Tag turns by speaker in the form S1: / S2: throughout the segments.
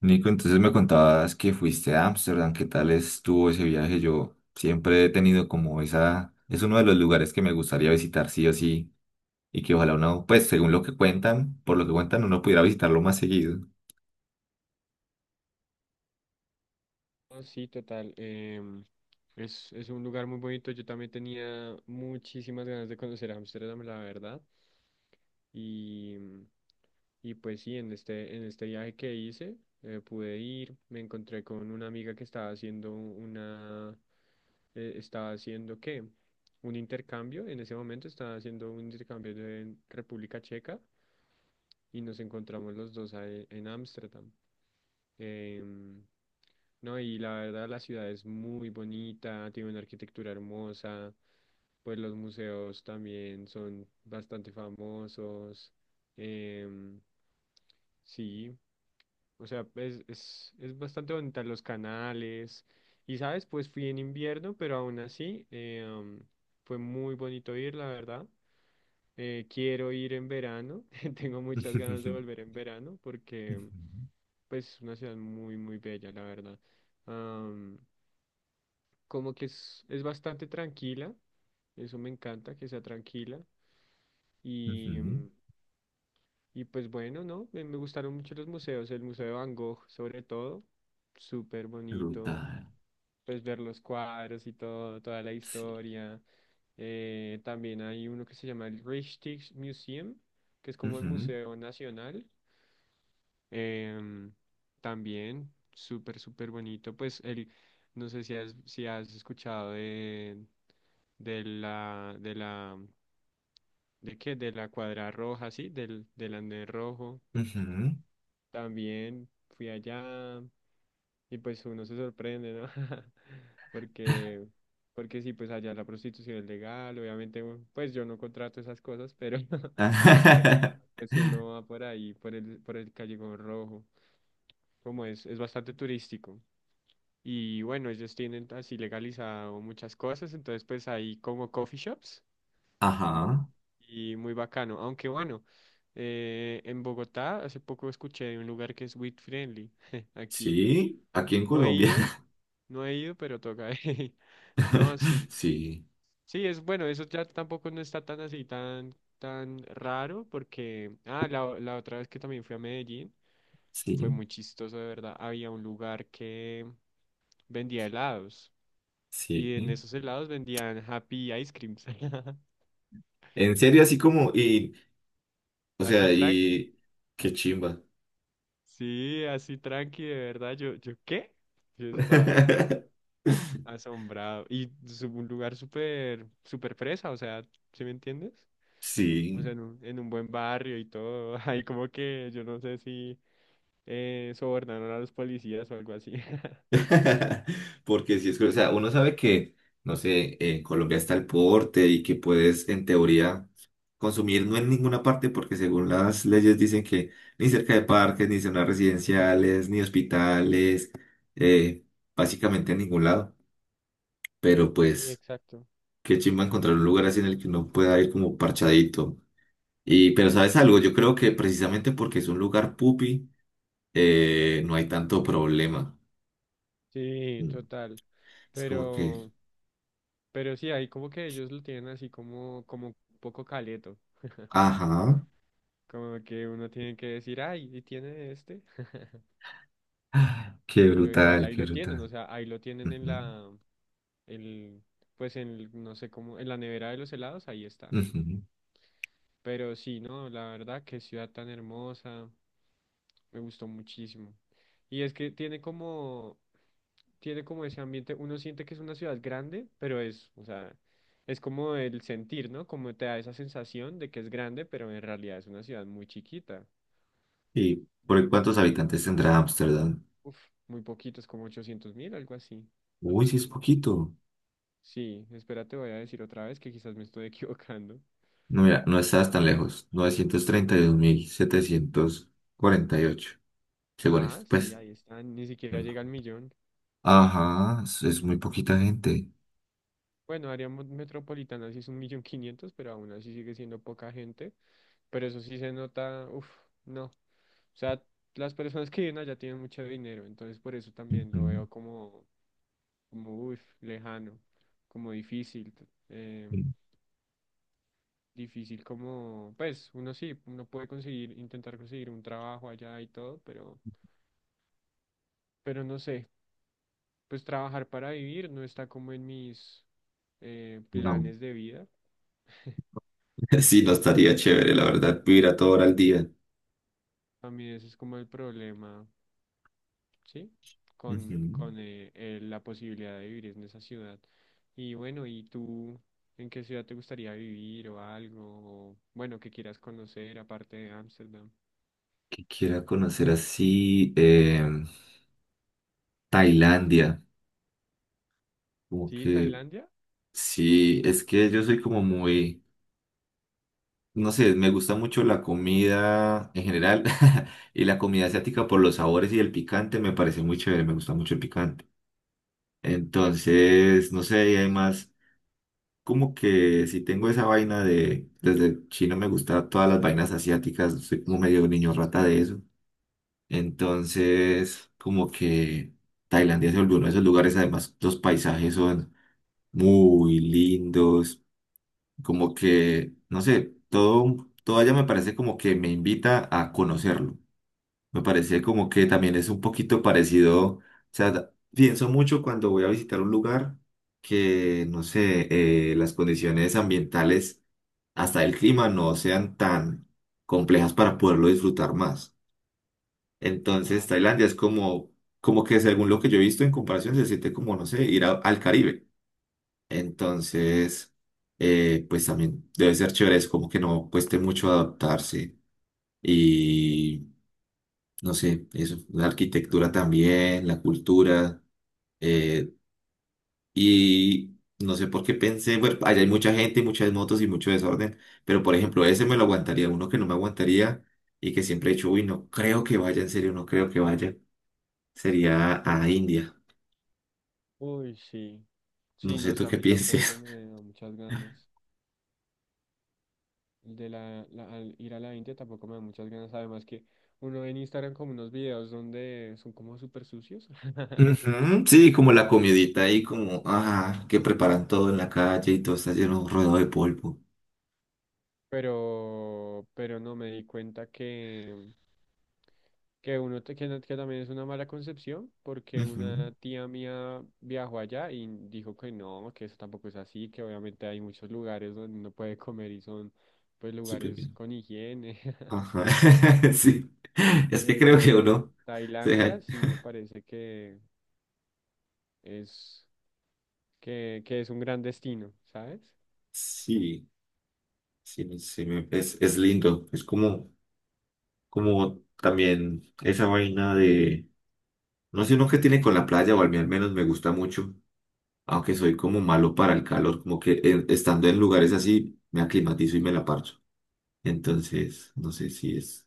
S1: Nico, entonces me contabas que fuiste a Ámsterdam, ¿qué tal estuvo ese viaje? Yo siempre he tenido como esa, es uno de los lugares que me gustaría visitar sí o sí, y que ojalá uno, pues según lo que cuentan, por lo que cuentan, uno pudiera visitarlo más seguido.
S2: No, sí, total. Es un lugar muy bonito. Yo también tenía muchísimas ganas de conocer Ámsterdam, la verdad. Y, y pues sí, en este viaje que hice, pude ir, me encontré con una amiga que estaba haciendo una, estaba haciendo, ¿qué? Un intercambio, en ese momento estaba haciendo un intercambio en República Checa y nos encontramos los dos ahí en Ámsterdam. Em, no, y la verdad la ciudad es muy bonita, tiene una arquitectura hermosa, pues los museos también son bastante famosos. em, sí, o sea, es bastante bonita los canales. Y sabes, pues fui en invierno, pero aún así fue muy bonito ir, la verdad. Quiero ir en verano, tengo muchas ganas de
S1: Ujú,
S2: volver en verano porque pues es una ciudad muy, muy bella, la verdad. Am, como que es bastante tranquila, eso me encanta, que sea tranquila. Y,
S1: ujú.
S2: y pues bueno, ¿no? Me gustaron mucho los museos, el Museo de Van Gogh sobre todo, súper bonito,
S1: Brutal.
S2: pues ver los cuadros y todo, toda la
S1: Sí.
S2: historia. También hay uno que se llama el Rijksmuseum, que es como el
S1: Ujú,
S2: Museo Nacional. Em, también, súper, súper bonito. Pues el, no sé si has escuchado de la, ¿de qué? De la cuadra roja, sí, del andén rojo.
S1: ujú.
S2: También fui allá y pues uno se sorprende, ¿no? Porque, porque sí, pues allá la prostitución es legal, obviamente, pues yo no contrato esas cosas, pero pero, pues uno va por ahí, por el Callejón Rojo, como es bastante turístico. Y bueno, ellos tienen así legalizado muchas cosas, entonces pues hay como coffee shops. Mm,
S1: Ajá.
S2: Y muy bacano. Aunque bueno, en Bogotá hace poco escuché de un lugar que es Weed Friendly. Aquí.
S1: Sí, aquí en
S2: No he
S1: Colombia.
S2: ido, no he ido, pero toca. No, sí.
S1: Sí,
S2: Sí, es bueno, eso ya tampoco no está tan así, tan, tan raro, porque, la otra vez que también fui a Medellín, fue
S1: sí,
S2: muy chistoso, de verdad. Había un lugar que vendía helados y en
S1: sí.
S2: esos helados vendían Happy Ice Creams.
S1: En serio, así como, y, o
S2: Así
S1: sea,
S2: tranqui.
S1: y qué chimba.
S2: Sí, así tranqui, de verdad. Yo, ¿yo qué? Yo estaba todo asombrado. Y es un lugar súper, súper fresa, o sea, ¿sí me entiendes? O
S1: Sí,
S2: sea, en un buen barrio y todo. Ahí como que yo no sé si sobornaron a los policías o algo así.
S1: porque si es, que, o sea, uno sabe que, no sé, en Colombia está el porte y que puedes, en teoría, consumir no en ninguna parte, porque según las leyes dicen que ni cerca de parques, ni zonas residenciales, ni hospitales, eh, básicamente en ningún lado. Pero
S2: Sí,
S1: pues,
S2: exacto.
S1: qué chimba encontrar un lugar así en el que uno pueda ir como parchadito. Y, pero ¿sabes algo? Yo creo que precisamente porque es un lugar pupi, no hay tanto problema.
S2: Sí,
S1: Mm.
S2: total.
S1: Es como que,
S2: Pero, pero sí, ahí como que ellos lo tienen así como, como un poco caleto.
S1: ajá,
S2: Como que uno tiene que decir, ay, ¿y tiene este?
S1: qué
S2: Pero igual
S1: brutal,
S2: ahí
S1: qué
S2: lo tienen, o
S1: brutal.
S2: sea, ahí lo tienen en la, el, pues en, el- no sé cómo, en la nevera de los helados, ahí está.
S1: Ujú, ujú.
S2: Pero sí, no, la verdad, qué ciudad tan hermosa, me gustó muchísimo. Y es que tiene como ese ambiente, uno siente que es una ciudad grande, pero es, o sea, es como el sentir, ¿no? Como te da esa sensación de que es grande, pero en realidad es una ciudad muy chiquita.
S1: ¿Y por cuántos habitantes tendrá Ámsterdam?
S2: Uf, muy poquito, es como 800.000, algo así.
S1: Uy, sí es poquito.
S2: Sí, espérate, voy a decir otra vez que quizás me estoy equivocando.
S1: No, mira, no estás tan lejos. 932.748, según
S2: Ah,
S1: esto,
S2: sí,
S1: pues.
S2: ahí están, ni siquiera llega al
S1: Mm.
S2: millón.
S1: Ajá, es muy poquita gente.
S2: Bueno, área mo- metropolitana sí es 1.500.000, pero aún así sigue siendo poca gente. Pero eso sí se nota, uff, no. O sea, las personas que viven allá tienen mucho dinero, entonces por eso también lo
S1: Ujú,
S2: veo como, uff, lejano, como difícil.
S1: mm.
S2: Difícil como, pues, uno sí, uno puede conseguir, intentar conseguir un trabajo allá y todo, pero no sé, pues trabajar para vivir no está como en mis
S1: No.
S2: planes de vida.
S1: Sí, no estaría
S2: Entonces,
S1: chévere, la verdad, vivir a toda hora
S2: a
S1: al
S2: mí,
S1: día.
S2: a mí ese es como el problema, ¿sí?
S1: Ujú.
S2: Con la posibilidad de vivir en esa ciudad. Y bueno, ¿y tú en qué ciudad te gustaría vivir o algo? O, bueno, que quieras conocer aparte de Ámsterdam.
S1: Que quiera conocer así Tailandia. Como
S2: ¿Sí,
S1: que
S2: Tailandia?
S1: sí, es que yo soy como muy, no sé, me gusta mucho la comida en general y la comida asiática por los sabores y el picante me parece muy chévere, me gusta mucho el picante. Entonces, no sé, y además, como que si tengo esa vaina de, desde chino me gusta todas las vainas asiáticas, soy como medio niño rata de eso. Entonces, como que Tailandia se volvió uno de esos lugares, además los paisajes son muy lindos, como que, no sé, todo allá me parece como que me invita a conocerlo. Me parece como que también es un poquito parecido, o sea, pienso mucho cuando voy a visitar un lugar que, no sé, las condiciones ambientales, hasta el clima, no sean tan complejas para poderlo disfrutar más. Entonces,
S2: Ah, sí.
S1: Tailandia es como, como que según lo que yo he visto en comparación, se siente como, no sé, al Caribe. Entonces, pues también debe ser chévere, es como que no cueste mucho adaptarse. Y no sé, eso, la arquitectura también, la cultura. eh, y no sé por qué pensé, bueno, allá hay mucha gente, muchas motos y mucho desorden, pero por ejemplo, ese me lo aguantaría, uno que no me aguantaría y que siempre he dicho, uy, no creo que vaya, en serio, no creo que vaya, sería a India.
S2: Uy, sí.
S1: No
S2: Sí,
S1: sé
S2: no sé,
S1: tú
S2: a
S1: qué
S2: mí tampoco
S1: pienses.
S2: me da muchas ganas. El de la, la- al ir a la India tampoco me da muchas ganas. Además que uno ve en Instagram como unos videos donde son como súper sucios.
S1: Ujú. Sí, como la comidita ahí, como, ah, que preparan todo en la calle y todo está lleno, rodeado de polvo.
S2: Pero no me di cuenta que uno te- que, no- que también es una mala concepción, porque
S1: Ujú.
S2: una tía mía viajó allá y dijo que no, que eso tampoco es así, que obviamente hay muchos lugares donde uno puede comer y son pues
S1: Súper
S2: lugares
S1: bien.
S2: con higiene,
S1: Ajá, sí. Es que creo
S2: pero
S1: que
S2: uh,
S1: uno se deja-
S2: Tailandia sí me parece que es que es un gran destino, ¿sabes?
S1: sí, sí, no sé, es lindo. Es como, como también esa vaina de, no sé, uno que tiene con la playa, o a mí al menos me gusta mucho, aunque soy como malo para el calor, como que estando en lugares así, me aclimatizo y me la parcho. Entonces, no sé si es.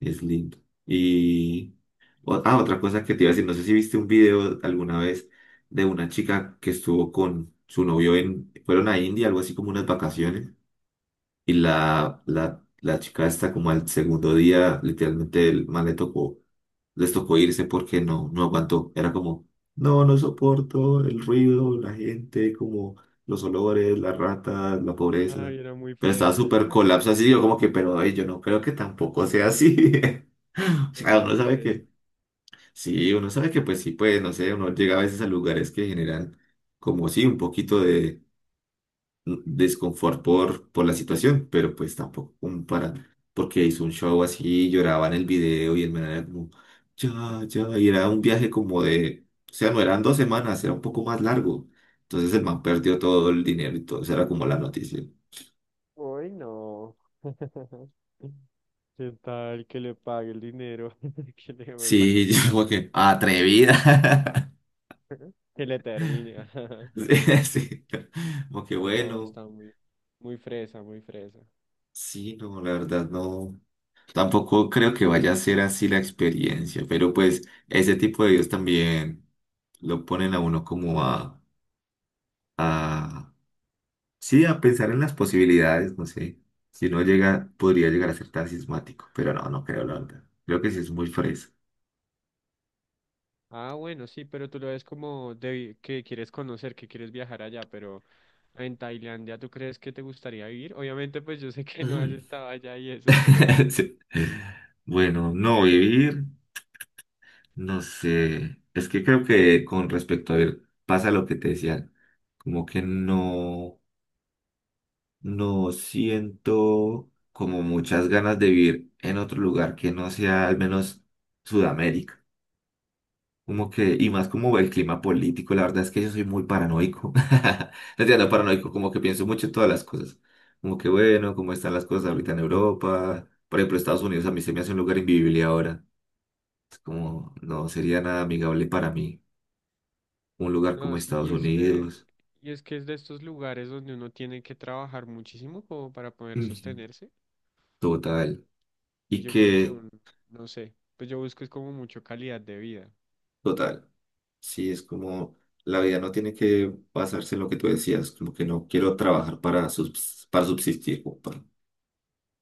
S1: Es lindo. Y otra cosa que te iba a decir, no sé si viste un video alguna vez de una chica que estuvo con su novio en, fueron a India, algo así como unas vacaciones, y la chica está como al segundo día, literalmente el man le tocó, les tocó irse porque no, no aguantó. Era como, no, no soporto el ruido, la gente, como los olores, las ratas, la pobreza.
S2: Ay, era muy
S1: Pero estaba
S2: fresa,
S1: súper colapso así, yo como que, pero ay, yo no creo que tampoco sea así.
S2: era
S1: Ah, uno
S2: muy
S1: sabe
S2: fresa.
S1: que, sí, uno sabe que pues sí, pues no sé, uno llega a veces a lugares que generan como sí, un poquito de mm, desconfort por la situación, pero pues tampoco como para, porque hizo un show así, lloraba en el video y el man era como, ya, ya, y era un viaje como de, o sea, no eran dos semanas, era un poco más largo. Entonces el man perdió todo el dinero y todo, esa era como la noticia.
S2: Uy, no. ¿Qué tal que le pague el dinero? Que le devuelva la
S1: Sí, yo como
S2: plata.
S1: que, atrevida.
S2: Que le termine.
S1: Sí, sí. Como que
S2: No,
S1: bueno.
S2: está muy, muy fresa, muy fresa.
S1: Sí, no, la verdad no, tampoco creo que vaya a ser así la experiencia, pero pues ese tipo de videos también lo ponen a uno como a, sí, a pensar en las posibilidades, no sé, si no llega, podría llegar a ser tan sismático, pero no, no creo, la verdad, creo que sí es muy fresa.
S2: Ah, bueno, sí, pero tú lo ves como de que quieres conocer, que quieres viajar allá, pero en Tailandia, ¿tú crees que te gustaría vivir? Obviamente, pues yo sé que no has
S1: Mm.
S2: estado allá y eso, pero
S1: Sí. Bueno, no vivir, no sé, es que creo que con respecto a ver, pasa lo que te decía, como que no. No siento como muchas ganas de vivir en otro lugar que no sea al menos Sudamérica. Como que, y más como el clima político, la verdad es que yo soy muy paranoico. No entiendo, paranoico, como que pienso mucho en todas las cosas. Como que bueno, cómo están las cosas ahorita en Europa. Por ejemplo, Estados Unidos a mí se me hace un lugar invivible ahora. Es como,
S2: uf.
S1: no sería nada amigable para mí. Un lugar
S2: No,
S1: como
S2: sí,
S1: Estados
S2: y este,
S1: Unidos.
S2: y es que es de estos lugares donde uno tiene que trabajar muchísimo como para poder
S1: Ujú.
S2: sostenerse.
S1: Total.
S2: Y
S1: Y
S2: yo creo que
S1: que,
S2: un, no sé, pues yo busco es como mucho calidad de vida.
S1: total. Sí, es como la vida no tiene que basarse en lo que tú decías, como que no quiero trabajar para, para subsistir, como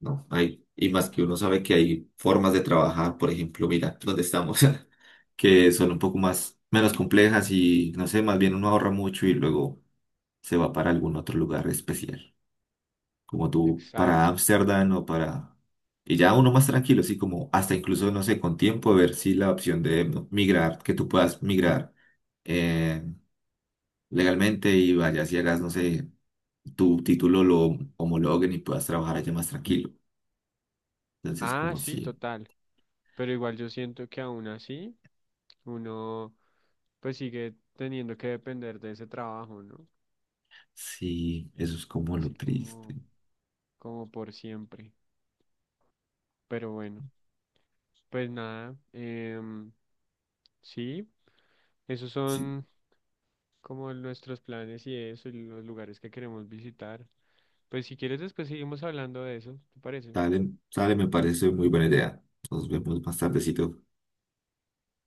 S1: no, hay, y más que uno
S2: Exacto.
S1: sabe que hay formas de trabajar, por ejemplo, mira, donde estamos, que son un poco más, menos complejas y no sé, más bien uno ahorra mucho y luego se va para algún otro lugar especial, como tú para
S2: Exacto.
S1: Ámsterdam o para, y ya uno más tranquilo, así como hasta incluso, no sé, con tiempo, ver si la opción de ¿no? migrar, que tú puedas migrar. eh, Legalmente y vayas y hagas, no sé, tu título lo homologuen y puedas trabajar allá más tranquilo. Entonces,
S2: Ah,
S1: como
S2: sí,
S1: si,
S2: total. Pero igual yo siento que aún así uno pues sigue teniendo que depender de ese trabajo, ¿no?
S1: sí, eso es como lo
S2: Así
S1: triste.
S2: como, como por siempre. Pero bueno, pues nada, sí, esos
S1: Sí,
S2: son como nuestros planes y eso, y los lugares que queremos visitar. Pues si quieres después seguimos hablando de eso, ¿te parece?
S1: dale, dale, me parece muy buena idea. Nos vemos más tardecito.